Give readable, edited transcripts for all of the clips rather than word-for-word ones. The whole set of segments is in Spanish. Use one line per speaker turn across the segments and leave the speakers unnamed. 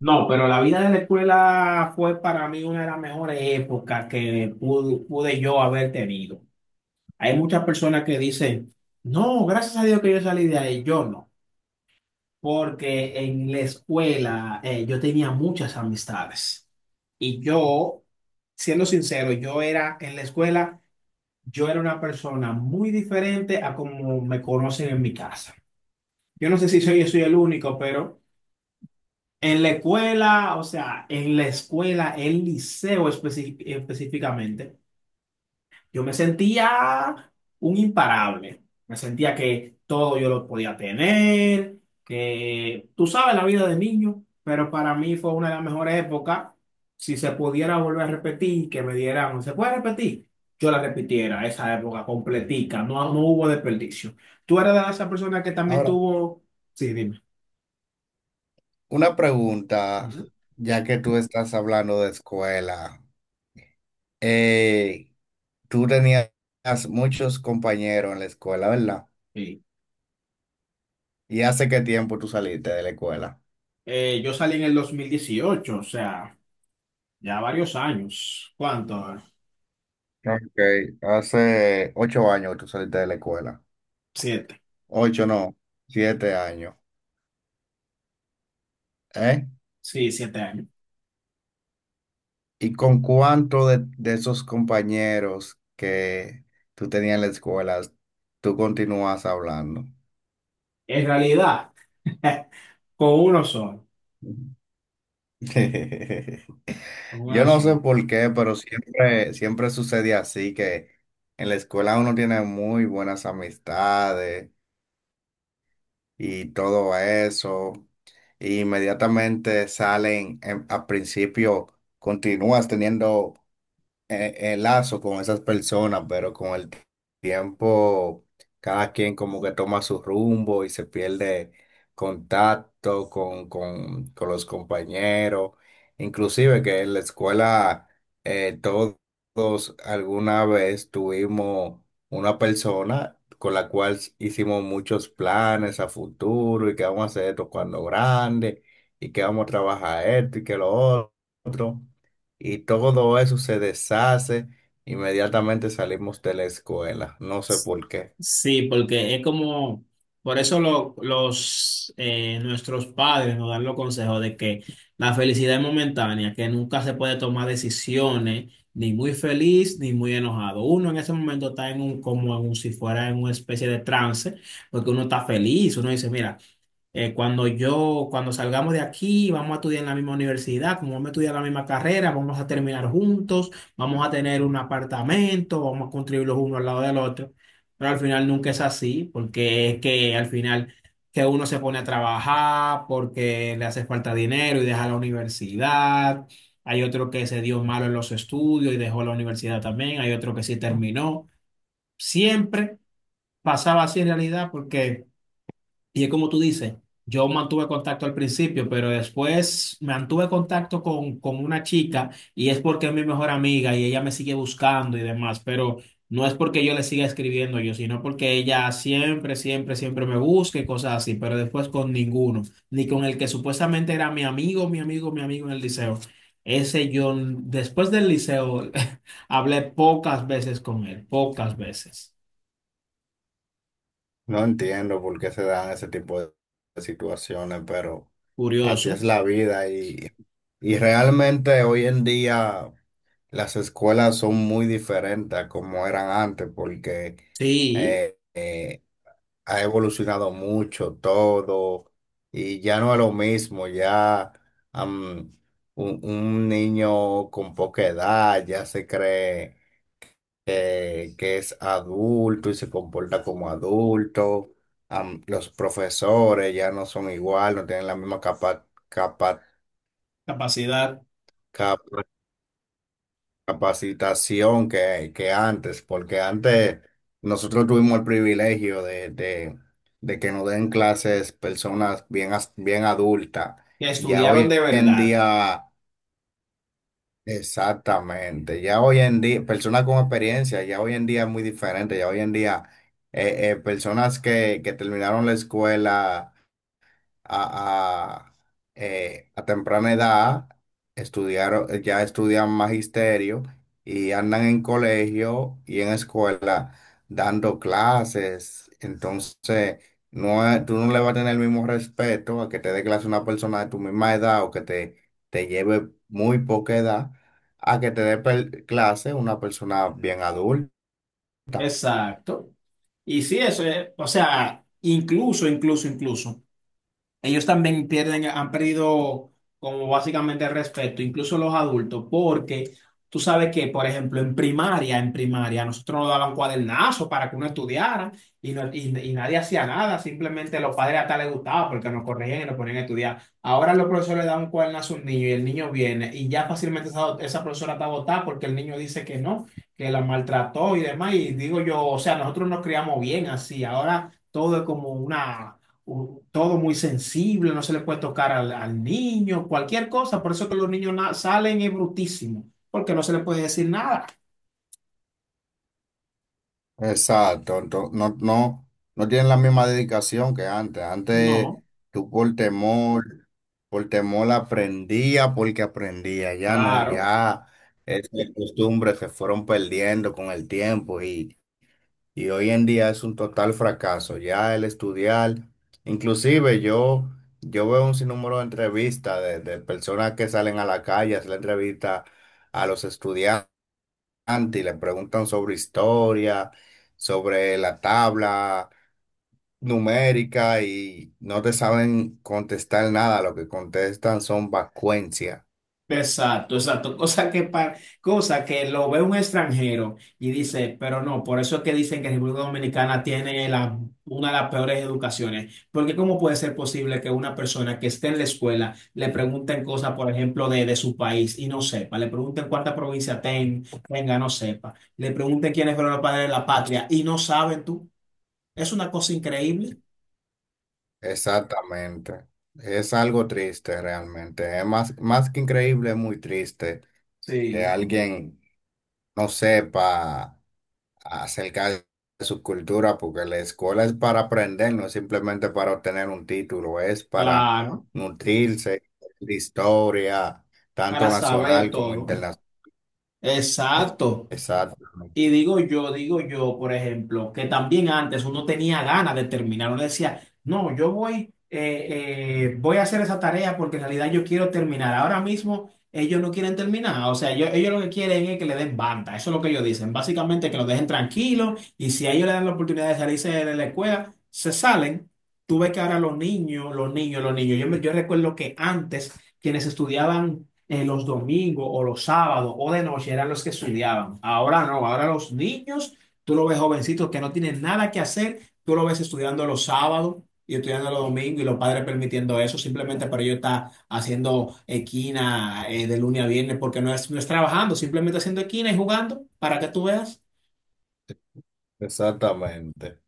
No, pero la vida de la escuela fue para mí una de las mejores épocas que pude yo haber tenido. Hay muchas personas que dicen, no, gracias a Dios que yo salí de ahí. Yo no, porque en la escuela yo tenía muchas amistades. Y yo, siendo sincero, yo era en la escuela, yo era una persona muy diferente a como me conocen en mi casa. Yo no sé si soy, yo soy el único, pero... En la escuela, o sea, en la escuela, el liceo específicamente, yo me sentía un imparable. Me sentía que todo yo lo podía tener, que tú sabes la vida de niño, pero para mí fue una de las mejores épocas. Si se pudiera volver a repetir, que me dieran, ¿se puede repetir? Yo la repitiera, esa época completica, no, no hubo desperdicio. ¿Tú eras de esa persona que también
Ahora,
tuvo... Sí, dime.
una pregunta,
Ujú.
ya que tú estás hablando de escuela. Eh, Tú tenías muchos compañeros en la escuela, ¿verdad?
Sí.
¿Y hace qué tiempo tú saliste de la escuela?
Yo salí en el 2018, o sea, ya varios años. ¿Cuánto?
Ok, hace ocho años que tú saliste de la escuela.
Siete.
Ocho, no, siete años. ¿Eh?
Sí, 7 años.
¿Y con cuánto de esos compañeros que tú tenías en la escuela tú continúas hablando?
En realidad, con uno solo, con
Yo
uno
no sé
solo.
por qué, pero siempre, siempre sucede así, que en la escuela uno tiene muy buenas amistades y todo eso, y inmediatamente salen, al principio continúas teniendo lazo con esas personas, pero con el tiempo cada quien como que toma su rumbo y se pierde contacto con los compañeros, inclusive que en la escuela todos alguna vez tuvimos una persona con la cual hicimos muchos planes a futuro y que vamos a hacer esto cuando grande y que vamos a trabajar esto y que lo otro y todo eso se deshace. Inmediatamente salimos de la escuela. No sé
Sí,
por qué.
sí, porque es como, por eso nuestros padres nos dan los consejos de que la felicidad es momentánea, que nunca se puede tomar decisiones ni muy feliz ni muy enojado. Uno en ese momento está en un, como en un- si fuera en una especie de trance, porque uno está feliz, uno dice, mira. Cuando salgamos de aquí, vamos a estudiar en la misma universidad, como vamos a estudiar la misma carrera, vamos a terminar juntos, vamos a tener un apartamento, vamos a construir los uno al lado del otro. Pero al final nunca es así, porque es que al final que uno se pone a trabajar porque le hace falta dinero y deja la universidad. Hay otro que se dio malo en los estudios y dejó la universidad también. Hay otro que sí terminó. Siempre pasaba así en realidad, porque y es como tú dices, yo mantuve contacto al principio, pero después mantuve contacto con una chica y es porque es mi mejor amiga y ella me sigue buscando y demás, pero no es porque yo le siga escribiendo yo, sino porque ella siempre, siempre, siempre me busca y cosas así, pero después con ninguno, ni con el que supuestamente era mi amigo, mi amigo, mi amigo en el liceo. Ese yo, después del liceo, hablé pocas veces con él, pocas veces.
No entiendo por qué se dan ese tipo de situaciones, pero así es
Curioso.
la vida y realmente hoy en día las escuelas son muy diferentes a como eran antes porque...
Sí,
eh, eh, ha evolucionado mucho todo y ya no es lo mismo, ya am, un niño con poca edad ya se cree que es adulto y se comporta como adulto. Am, los profesores ya no son igual, no tienen la misma capa,
capacidad.
capa- capacitación que antes, porque antes nosotros tuvimos el privilegio de que nos den clases personas bien, bien adultas.
Que
Ya
estudiaron
hoy
de
en
verdad.
día, exactamente, ya hoy en día, personas con experiencia, ya hoy en día es muy diferente, ya hoy en día, personas que terminaron la escuela a, a, a temprana edad, estudiaron, ya estudian magisterio y andan en colegio y en escuela dando clases. Entonces, no, tú no le vas a tener el mismo respeto a que te dé clase una persona de tu misma edad o que te lleve muy poca edad a que te dé clase una persona bien adulta.
Exacto. Y sí, eso es, o sea, incluso, incluso, incluso. Ellos también pierden, han perdido como básicamente el respeto, incluso los adultos, porque tú sabes que, por ejemplo, en primaria, a nosotros nos daban cuadernazos para que uno estudiara y nadie hacía nada, simplemente los padres hasta les gustaba porque nos corregían y nos ponían a estudiar. Ahora los profesores le dan un cuadernazo a un niño y el niño viene y ya fácilmente esa profesora está botada porque el niño dice que no, que la maltrató y demás. Y digo yo, o sea, nosotros nos criamos bien así, ahora todo es como todo muy sensible, no se le puede tocar al niño, cualquier cosa. Por eso que los niños salen es brutísimo, porque no se le puede decir nada.
Exacto, no, no, no tienen la misma dedicación que antes. Antes
No,
tú por temor aprendía porque aprendía, ya no,
claro.
ya esas costumbres se fueron perdiendo con el tiempo y hoy en día es un total fracaso, ya el estudiar, inclusive yo, yo veo un sinnúmero de entrevistas de personas que salen a la calle, a hacer la entrevista a los estudiantes y le preguntan sobre historia, sobre la tabla numérica y no te saben contestar nada, lo que contestan son vacuencia.
Exacto, exacto. Cosa que lo ve un extranjero y dice, pero no, por eso es que dicen que República Dominicana tiene una de las peores educaciones. Porque ¿cómo puede ser posible que una persona que esté en la escuela le pregunten cosas, por ejemplo, de su país y no sepa? Le pregunten cuánta provincia tenga, no sepa. Le pregunten quiénes fueron los padres de la patria y no saben tú. Es una cosa increíble.
Exactamente. Es algo triste realmente. Es más, más que increíble, es muy triste que
Sí.
alguien no sepa acerca de su cultura, porque la escuela es para aprender, no es simplemente para obtener un título, es para
Claro,
nutrirse de historia, tanto
para saber
nacional como
todo.
internacional.
Exacto.
Exactamente,
Y digo yo, por ejemplo, que también antes uno tenía ganas de terminar, uno decía, no, voy a hacer esa tarea porque en realidad yo quiero terminar. Ahora mismo ellos no quieren terminar, o sea, ellos lo que quieren es que le den banda, eso es lo que ellos dicen, básicamente que los dejen tranquilos y si a ellos le dan la oportunidad de salirse de la escuela, se salen. Tú ves que ahora los niños, los niños, los niños, yo recuerdo que antes quienes estudiaban los domingos o los sábados o de noche eran los que estudiaban. Ahora no, ahora los niños, tú los ves jovencitos que no tienen nada que hacer, tú los ves estudiando los sábados y estudiando los domingos y los padres permitiendo eso simplemente para ellos estar haciendo equina, de lunes a viernes porque no es, no es trabajando, simplemente haciendo equina y jugando para que tú veas.
exactamente.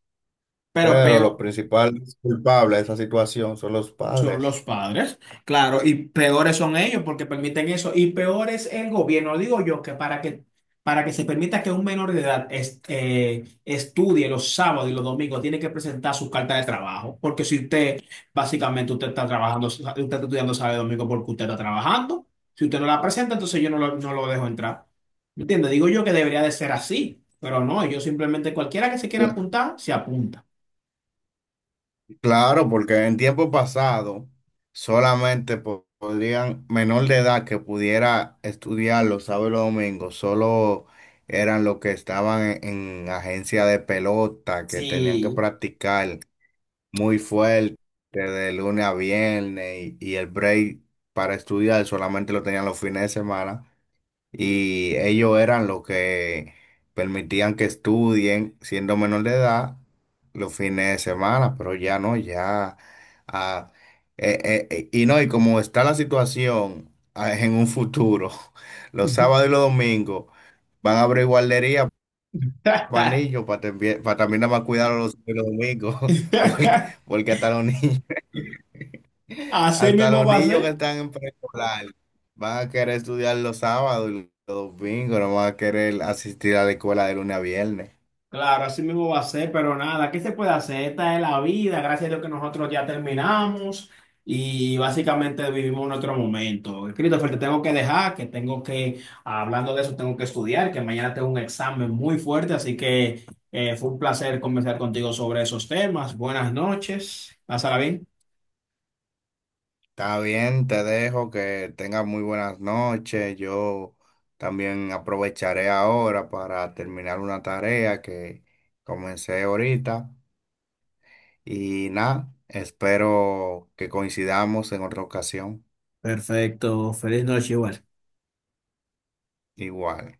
Pero
Pero los
peor,
principales culpables de esa situación son los
son
padres.
los padres, claro, y peores son ellos porque permiten eso, y peor es el gobierno. Digo yo que para que se permita que un menor de edad estudie los sábados y los domingos, tiene que presentar su carta de trabajo, porque si usted, básicamente, usted está trabajando, usted está estudiando sábado y domingo porque usted está trabajando, si usted no la presenta, entonces yo no lo dejo entrar. ¿Me entiende? Digo yo que debería de ser así, pero no, yo simplemente cualquiera que se quiera apuntar, se apunta.
Claro, porque en tiempo pasado solamente podrían, menor de edad que pudiera estudiar los sábados y los domingos, solo eran los que estaban en agencia de pelota, que tenían que
Sí.
practicar muy fuerte de lunes a viernes y el break para estudiar solamente lo tenían los fines de semana y ellos eran los que permitían que estudien siendo menor de edad los fines de semana, pero ya no, ya... ah, y no, y como está la situación, en un futuro, los sábados y los domingos van a abrir guardería para niños, para también nada más cuidar a los domingos, porque, porque hasta los niños...
Así
Hasta
mismo
los
va a
niños que
ser,
están en preescolar van a querer estudiar los sábados y los domingos, no van a querer asistir a la escuela de lunes a viernes.
claro, así mismo va a ser, pero nada, ¿qué se puede hacer? Esta es la vida, gracias a Dios que nosotros ya terminamos y básicamente vivimos nuestro momento. Christopher, te tengo que dejar, que tengo que, hablando de eso, tengo que estudiar, que mañana tengo un examen muy fuerte, así que fue un placer conversar contigo sobre esos temas. Buenas noches, pásala bien.
Está bien, te dejo que tengas muy buenas noches. Yo también aprovecharé ahora para terminar una tarea que comencé ahorita. Y nada, espero que coincidamos en otra ocasión.
Perfecto, feliz noche igual.
Igual.